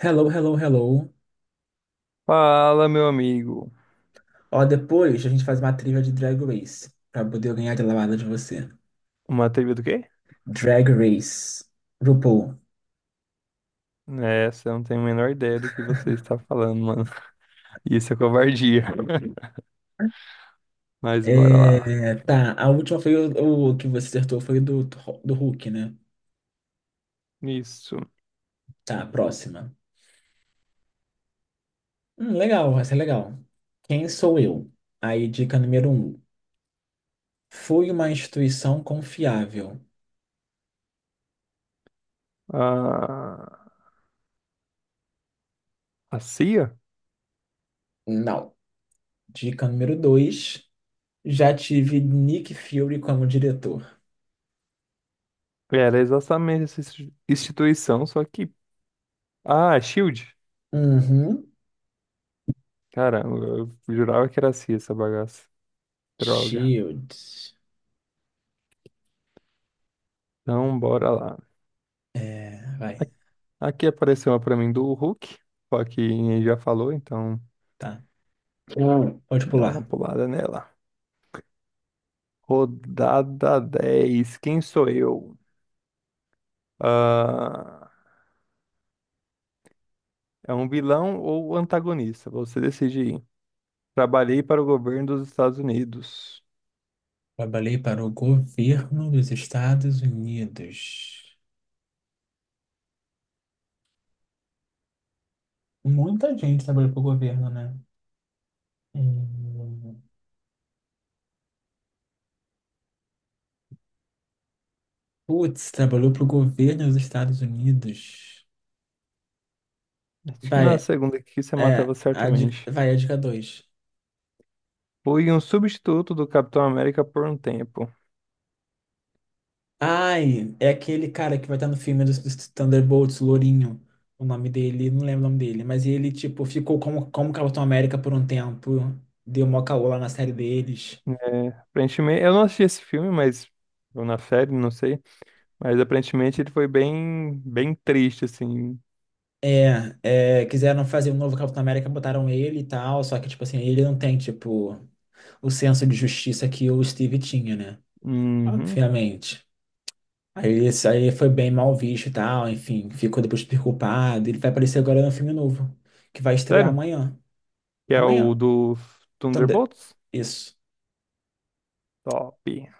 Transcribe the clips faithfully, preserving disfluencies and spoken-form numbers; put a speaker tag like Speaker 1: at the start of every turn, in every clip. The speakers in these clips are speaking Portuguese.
Speaker 1: Hello, hello, hello.
Speaker 2: Fala, meu amigo.
Speaker 1: Ó, depois a gente faz uma trilha de Drag Race pra poder eu ganhar de lavada de você.
Speaker 2: Uma trivia do quê?
Speaker 1: Drag Race. RuPaul.
Speaker 2: É, você não tem a menor ideia do que você está falando, mano. Isso é covardia. Mas bora lá.
Speaker 1: É, tá, a última foi o, o que você acertou foi do, do Hulk, né?
Speaker 2: Isso.
Speaker 1: Tá, próxima. Hum, legal, vai ser legal. Quem sou eu? Aí, dica número um. Fui uma instituição confiável.
Speaker 2: Ah, a C I A
Speaker 1: Não. Dica número dois. Já tive Nick Fury como diretor.
Speaker 2: era exatamente essa insti- instituição, só que... Ah, Shield.
Speaker 1: Uhum.
Speaker 2: Caramba, eu jurava que era a C I A essa bagaça. Droga.
Speaker 1: Shield.
Speaker 2: Então, bora lá.
Speaker 1: É,
Speaker 2: A-
Speaker 1: vai,
Speaker 2: Aqui apareceu uma pra mim do Hulk, só que já falou, então
Speaker 1: tá. Hum. Pode
Speaker 2: dá uma
Speaker 1: pular.
Speaker 2: pulada nela. Rodada dez. Quem sou eu? Ah, é um vilão ou antagonista? Você decide. Trabalhei para o governo dos Estados Unidos.
Speaker 1: Trabalhei para o governo dos Estados Unidos. Muita gente trabalhou para o governo, né? Hum. Putz, trabalhou para o governo dos Estados Unidos.
Speaker 2: Acho que na
Speaker 1: Vai,
Speaker 2: segunda aqui você
Speaker 1: é,
Speaker 2: matava
Speaker 1: a, di-
Speaker 2: certamente.
Speaker 1: vai, a dica dois.
Speaker 2: Fui um substituto do Capitão América por um tempo.
Speaker 1: Ai, é aquele cara que vai estar no filme dos, dos Thunderbolts, Lourinho. O nome dele, não lembro o nome dele, mas ele, tipo, ficou como, como Capitão América por um tempo. Deu mó caô lá na série deles.
Speaker 2: É, aparentemente, eu não assisti esse filme, mas ou na série, não sei. Mas aparentemente ele foi bem, bem triste, assim.
Speaker 1: É, é, quiseram fazer um novo Capitão América, botaram ele e tal, só que, tipo assim, ele não tem, tipo, o senso de justiça que o Steve tinha, né?
Speaker 2: Uhum.
Speaker 1: Obviamente. Aí isso aí foi bem mal visto e tal, enfim, ficou depois super culpado. Ele vai aparecer agora no filme novo, que vai estrear
Speaker 2: Sério?
Speaker 1: amanhã.
Speaker 2: Que é o
Speaker 1: Amanhã,
Speaker 2: do
Speaker 1: Thunder.
Speaker 2: Thunderbolts?
Speaker 1: Isso.
Speaker 2: Top.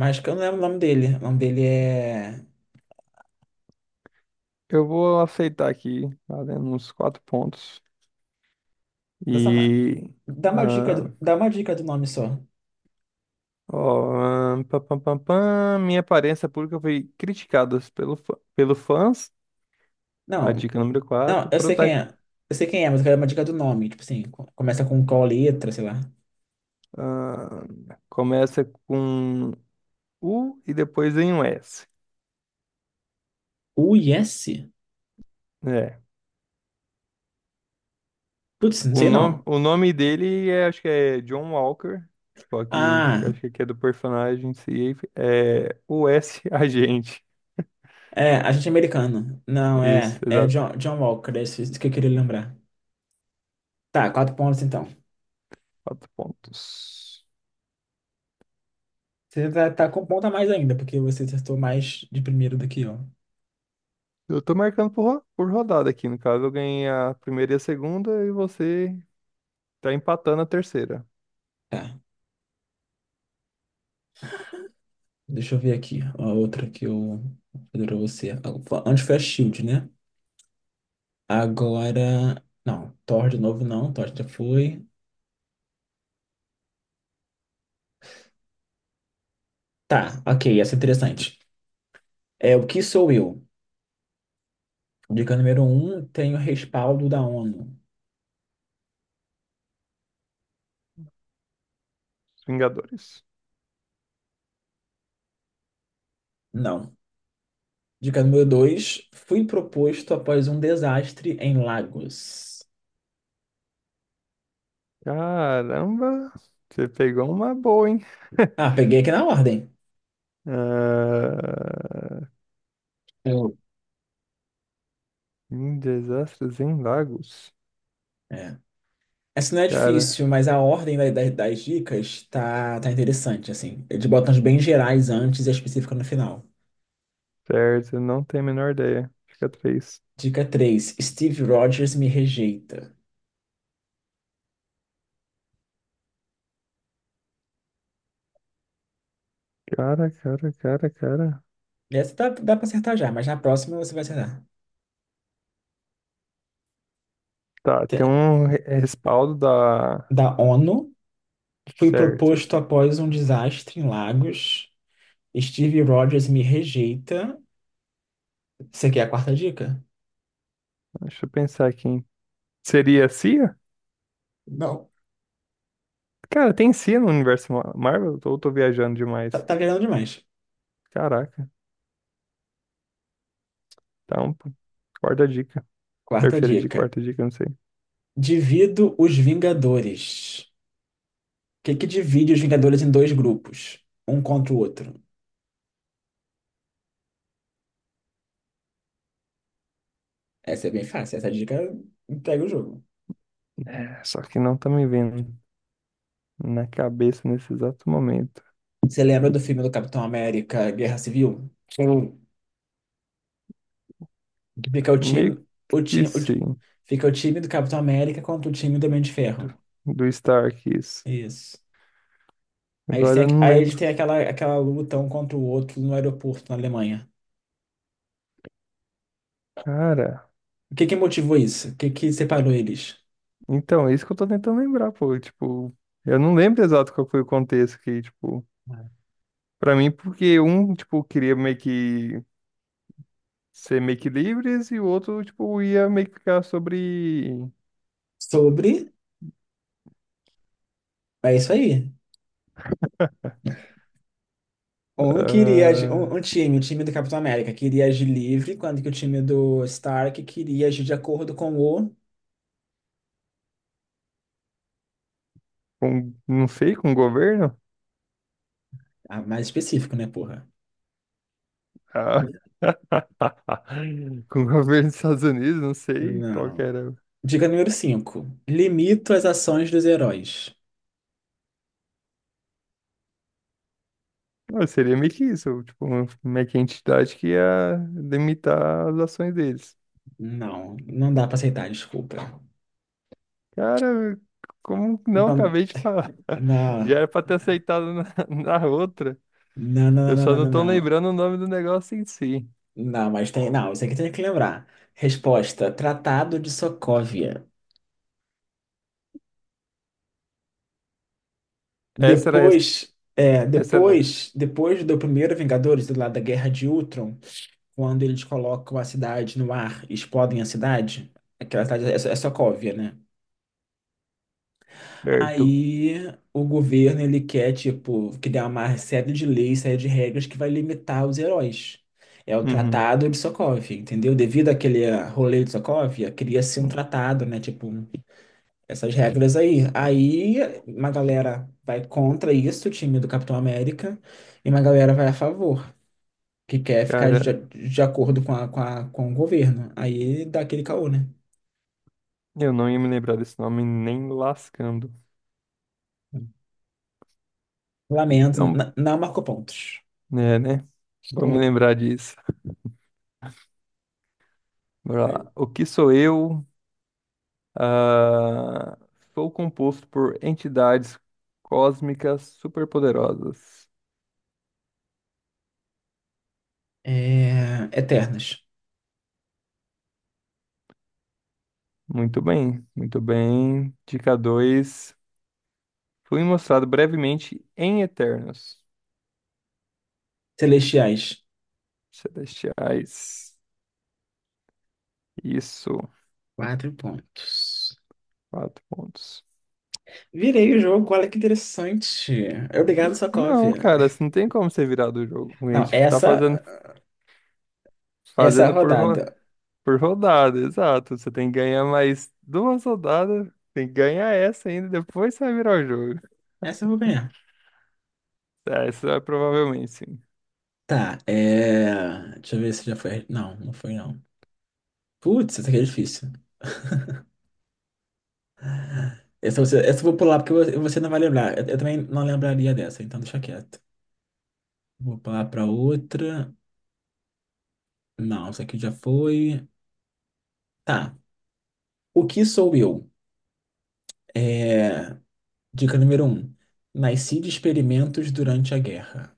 Speaker 1: Mas que eu não lembro o nome dele. O nome dele é.
Speaker 2: Eu vou aceitar aqui, valendo uns quatro pontos.
Speaker 1: Dessa... ma-
Speaker 2: E...
Speaker 1: Dá uma dica,
Speaker 2: ah,
Speaker 1: do- dá uma dica do nome só.
Speaker 2: ó, ah, pam, pam, pam, pam, minha aparência pública foi criticada pelo, fã- pelo fãs. A
Speaker 1: Não,
Speaker 2: dica número
Speaker 1: Não,
Speaker 2: quatro,
Speaker 1: eu sei
Speaker 2: Prota,
Speaker 1: quem é. Eu sei quem é, mas eu quero uma dica do nome. Tipo assim, co- começa com qual letra, sei lá.
Speaker 2: ah, começa com U e depois em um S.
Speaker 1: U I S?
Speaker 2: É.
Speaker 1: Putz, não
Speaker 2: O
Speaker 1: sei
Speaker 2: nome,
Speaker 1: não.
Speaker 2: o nome dele é, acho que é John Walker. Só que
Speaker 1: Ah,
Speaker 2: acho que aqui é do personagem em si. É o S Agente.
Speaker 1: é, agente americano. Não,
Speaker 2: Isso,
Speaker 1: é. É
Speaker 2: exato.
Speaker 1: John, John Walker, é isso que eu queria lembrar. Tá, quatro pontos então.
Speaker 2: Quatro pontos.
Speaker 1: Você tá, tá com ponto a mais ainda, porque você acertou mais de primeiro do que eu.
Speaker 2: Eu tô marcando por, ro- por rodada aqui, no caso. Eu ganhei a primeira e a segunda, e você tá empatando a terceira.
Speaker 1: Tá, deixa eu ver aqui. A outra que eu vou fazer pra você. Ah, antes foi a Shield, né? Agora. Não, Thor de novo não, Thor já foi. Tá, ok, essa é interessante. É, o que sou eu? Dica número um, tenho respaldo da ONU.
Speaker 2: Os Vingadores.
Speaker 1: Não. Dica número dois, fui proposto após um desastre em Lagos.
Speaker 2: Caramba, você pegou uma boa, hein?
Speaker 1: Ah, peguei aqui na ordem.
Speaker 2: Ah,
Speaker 1: Hum.
Speaker 2: em desastres em lagos.
Speaker 1: É. Essa não é difícil,
Speaker 2: Cara,
Speaker 1: mas a ordem da- da- das dicas tá, tá interessante, assim. Eles botam as bem gerais antes e a específica no final.
Speaker 2: certo, eu não tenho a menor ideia. Fica três.
Speaker 1: Dica três: Steve Rogers me rejeita.
Speaker 2: Cara, cara, cara, cara.
Speaker 1: Essa dá, dá pra acertar já, mas na próxima você vai acertar.
Speaker 2: Tá, tem
Speaker 1: Te-
Speaker 2: um re- respaldo da...
Speaker 1: Da ONU, fui
Speaker 2: Certo.
Speaker 1: proposto após um desastre em Lagos. Steve Rogers me rejeita. Isso aqui é a quarta dica?
Speaker 2: Deixa eu pensar aqui, hein? Seria a C I A?
Speaker 1: Não.
Speaker 2: Cara, tem si no universo Ma- Marvel? Ou tô viajando
Speaker 1: Tá,
Speaker 2: demais?
Speaker 1: tá virando demais.
Speaker 2: Caraca. Então, pô, quarta dica.
Speaker 1: Quarta
Speaker 2: Terceira dica,
Speaker 1: dica.
Speaker 2: quarta dica, não sei.
Speaker 1: Divido os Vingadores. O que que divide os Vingadores em dois grupos? Um contra o outro. Essa é bem fácil. Essa dica entrega o jogo.
Speaker 2: É, só que não tá me vindo na cabeça nesse exato momento.
Speaker 1: Você lembra do filme do Capitão América, Guerra Civil? Sim. Que fica o
Speaker 2: Meio
Speaker 1: time, o
Speaker 2: que
Speaker 1: time, o ti-
Speaker 2: sim,
Speaker 1: fica o time do Capitão América contra o time do Homem de
Speaker 2: do,
Speaker 1: Ferro.
Speaker 2: do Stark, isso.
Speaker 1: Isso. Aí eles
Speaker 2: Agora
Speaker 1: têm,
Speaker 2: eu
Speaker 1: aqu-
Speaker 2: não
Speaker 1: aí eles
Speaker 2: lembro.
Speaker 1: têm aquela, aquela luta um contra o outro no aeroporto na Alemanha.
Speaker 2: Cara,
Speaker 1: O que que motivou isso? O que que separou eles?
Speaker 2: então, é isso que eu tô tentando lembrar, pô. Tipo, eu não lembro exato qual foi o contexto que, tipo, pra mim, porque um, tipo, queria meio que ser meio que livres, e o outro, tipo, ia meio que ficar sobre.
Speaker 1: Sobre. É isso aí. Um queria. Agi- Um, um
Speaker 2: Ah,
Speaker 1: time, o time do Capitão América, queria agir livre, quando que o time do Stark queria agir de acordo com o.
Speaker 2: com, não sei, com o governo?
Speaker 1: Ah, mais específico, né, porra?
Speaker 2: Ah, com o governo dos Estados Unidos, não sei qual que
Speaker 1: Não.
Speaker 2: era.
Speaker 1: Dica número cinco. Limito as ações dos heróis.
Speaker 2: Não, seria meio que isso, tipo, uma, meio que a entidade que ia limitar as ações deles.
Speaker 1: Não, não dá pra aceitar, desculpa.
Speaker 2: Cara, como não
Speaker 1: Então,
Speaker 2: acabei de falar? Já
Speaker 1: não,
Speaker 2: era pra ter aceitado na, na outra.
Speaker 1: não, não,
Speaker 2: Eu
Speaker 1: não,
Speaker 2: só
Speaker 1: não,
Speaker 2: não
Speaker 1: não,
Speaker 2: tô
Speaker 1: não. Não,
Speaker 2: lembrando o nome do negócio em si.
Speaker 1: Não, mas tem. Não, isso aqui tem que lembrar. Resposta: Tratado de Sokovia.
Speaker 2: Essa era, a res-
Speaker 1: Depois, é,
Speaker 2: essa era
Speaker 1: depois, depois do primeiro Vingadores, do lado da Guerra de Ultron, quando eles colocam a cidade no ar, e explodem a cidade, aquela cidade é, So- é Sokovia, né?
Speaker 2: certo.
Speaker 1: Aí o governo ele quer tipo criar uma série de leis, série de regras que vai limitar os heróis. É o
Speaker 2: Uhum.
Speaker 1: Tratado de Sokovia, entendeu? Devido àquele ah, rolê de Sokovia, queria ser um tratado, né? Tipo um essas regras aí. Aí uma galera vai contra isso, o time do Capitão América, e uma galera vai a favor, que quer ficar de,
Speaker 2: Cara,
Speaker 1: de acordo com, a, com, a- com o governo. Aí dá aquele caô, né?
Speaker 2: eu não ia me lembrar desse nome nem lascando.
Speaker 1: Lamento,
Speaker 2: Então,
Speaker 1: n- não marcou pontos.
Speaker 2: é, né? Vamos
Speaker 1: Hum.
Speaker 2: lembrar disso. Bora lá. O que sou eu? Ah, sou composto por entidades cósmicas superpoderosas.
Speaker 1: É, Eternas.
Speaker 2: Muito bem, muito bem. Dica dois: fui mostrado brevemente em Eternos.
Speaker 1: Celestiais.
Speaker 2: Celestiais. Isso.
Speaker 1: Quatro pontos.
Speaker 2: Quatro pontos.
Speaker 1: Virei o jogo, olha que interessante. Obrigado,
Speaker 2: Não,
Speaker 1: Sokovia.
Speaker 2: cara, isso não tem como ser virado do jogo. A
Speaker 1: Não,
Speaker 2: gente tá fazendo,
Speaker 1: essa, essa
Speaker 2: fazendo por, ro-
Speaker 1: rodada.
Speaker 2: por rodada, exato. Você tem que ganhar mais duas rodadas, tem que ganhar essa ainda, depois você vai virar o jogo.
Speaker 1: Essa eu vou ganhar.
Speaker 2: Ah, essa é provavelmente, sim.
Speaker 1: Tá, é. Deixa eu ver se já foi. Não, não foi não. Putz, essa aqui é difícil. Essa, você, essa eu vou pular porque você você não vai lembrar. Eu, eu também não lembraria dessa, então deixa quieto. Vou pular pra outra. Não, essa aqui já foi. Tá. O que sou eu? É. Dica número um. Nasci de experimentos durante a guerra.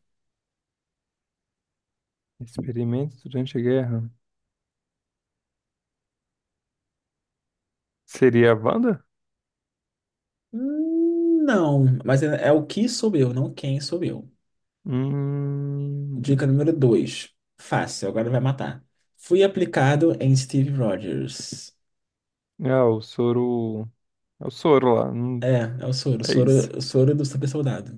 Speaker 2: Experimentos durante a guerra. Seria a Wanda?
Speaker 1: Hum, Não, mas é, é o que sou eu, não quem sou eu.
Speaker 2: Hum...
Speaker 1: Dica número dois. Fácil, agora vai matar. Fui aplicado em Steve Rogers.
Speaker 2: Ah, o soro... É o soro lá. Hum,
Speaker 1: É, é o soro.
Speaker 2: é isso.
Speaker 1: Soro, soro do super soldado.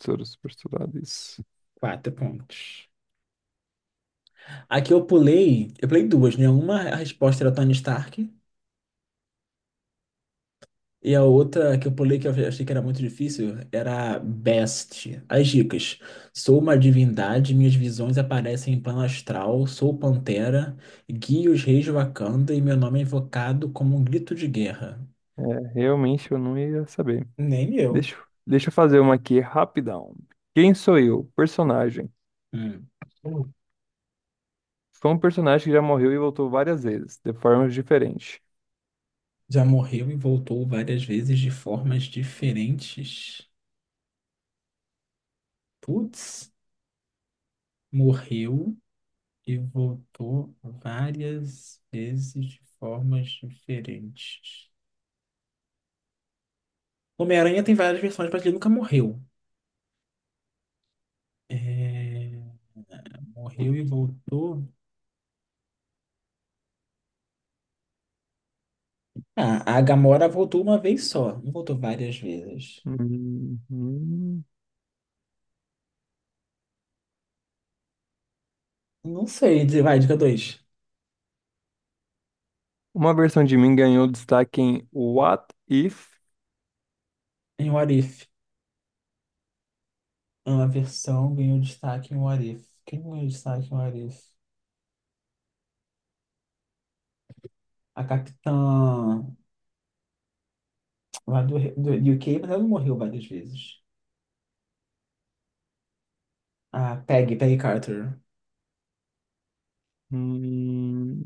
Speaker 2: Soro super soldado, isso.
Speaker 1: Quatro pontos. Aqui eu pulei, eu pulei duas, né? Uma a resposta era Tony Stark e a outra que eu pulei que eu achei que era muito difícil era Best. As dicas. Sou uma divindade, minhas visões aparecem em plano astral, sou pantera, guio os reis de Wakanda e meu nome é invocado como um grito de guerra.
Speaker 2: É, realmente eu não ia saber.
Speaker 1: Nem eu.
Speaker 2: Deixa, eu- deixa eu fazer uma aqui rapidão. Quem sou eu? Personagem.
Speaker 1: Hum.
Speaker 2: Foi um personagem que já morreu e voltou várias vezes, de formas diferentes.
Speaker 1: Já morreu e voltou várias vezes de formas diferentes. Putz. Morreu e voltou várias vezes de formas diferentes. Homem-Aranha tem várias versões, mas ele nunca morreu. É, morreu e voltou. Ah, a Gamora voltou uma vez só, não voltou várias vezes.
Speaker 2: Uhum.
Speaker 1: Não sei, de- vai, dica dois.
Speaker 2: Uma versão de mim ganhou destaque em What If?
Speaker 1: Em What If. É uma versão ganhou destaque em What If. Quem ganhou destaque em What If? A Capitã lá do, do U K, mas ela não morreu várias vezes. A Peggy, Peggy Carter.
Speaker 2: Hum.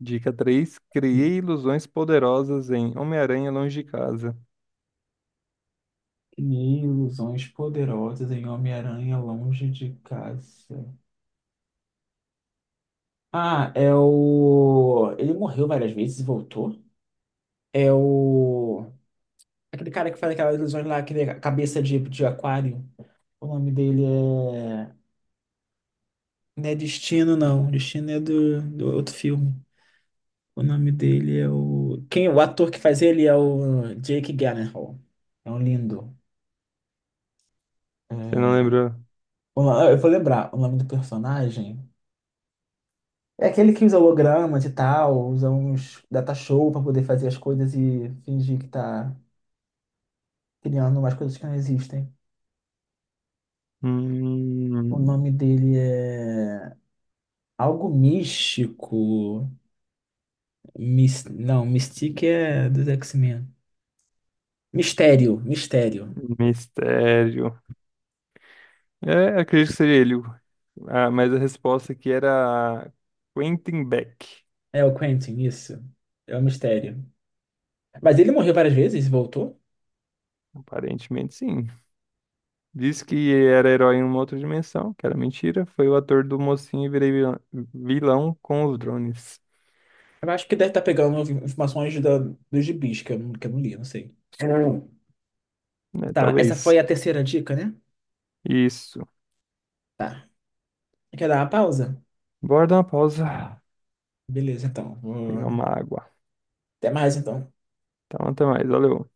Speaker 2: Dica três: criei ilusões poderosas em Homem-Aranha Longe de Casa.
Speaker 1: Crie ilusões poderosas em Homem-Aranha longe de casa. Ah, é o. Ele morreu várias vezes e voltou. É o. Aquele cara que faz aquelas ilusões lá, aquele cabeça de, de aquário. O nome dele é. Não é Destino, não. Destino é do, do outro filme. O nome dele é o. Quem, o ator que faz ele é o Jake Gyllenhaal. É um lindo. É,
Speaker 2: Você não lembrou?
Speaker 1: o- ah, eu vou lembrar o nome do personagem. É aquele que usa hologramas e tal, usa uns data show pra poder fazer as coisas e fingir que tá criando umas coisas que não existem. O
Speaker 2: Hum,
Speaker 1: nome dele é algo místico. Mis... Não, Mystique é dos X-Men. Mistério, Mistério.
Speaker 2: mistério. É, acredito que seria ele. Ah, mas a resposta aqui era Quentin Beck.
Speaker 1: É o Quentin, isso. É o Mistério. Mas ele morreu várias vezes e voltou?
Speaker 2: Aparentemente, sim. Disse que era herói em uma outra dimensão, que era mentira. Foi o ator do Mocinho e Virei Vilã- Vilão com os Drones.
Speaker 1: Eu acho que deve estar pegando informações da, dos gibis, que eu, não- que eu não li, não sei. Hum.
Speaker 2: Né?
Speaker 1: Tá, essa
Speaker 2: Talvez.
Speaker 1: foi a terceira dica, né?
Speaker 2: Isso.
Speaker 1: Tá. Quer dar uma pausa?
Speaker 2: Bora dar uma pausa,
Speaker 1: Beleza, então. Vou-
Speaker 2: pegar uma água.
Speaker 1: Até mais, então.
Speaker 2: Então, até mais. Valeu.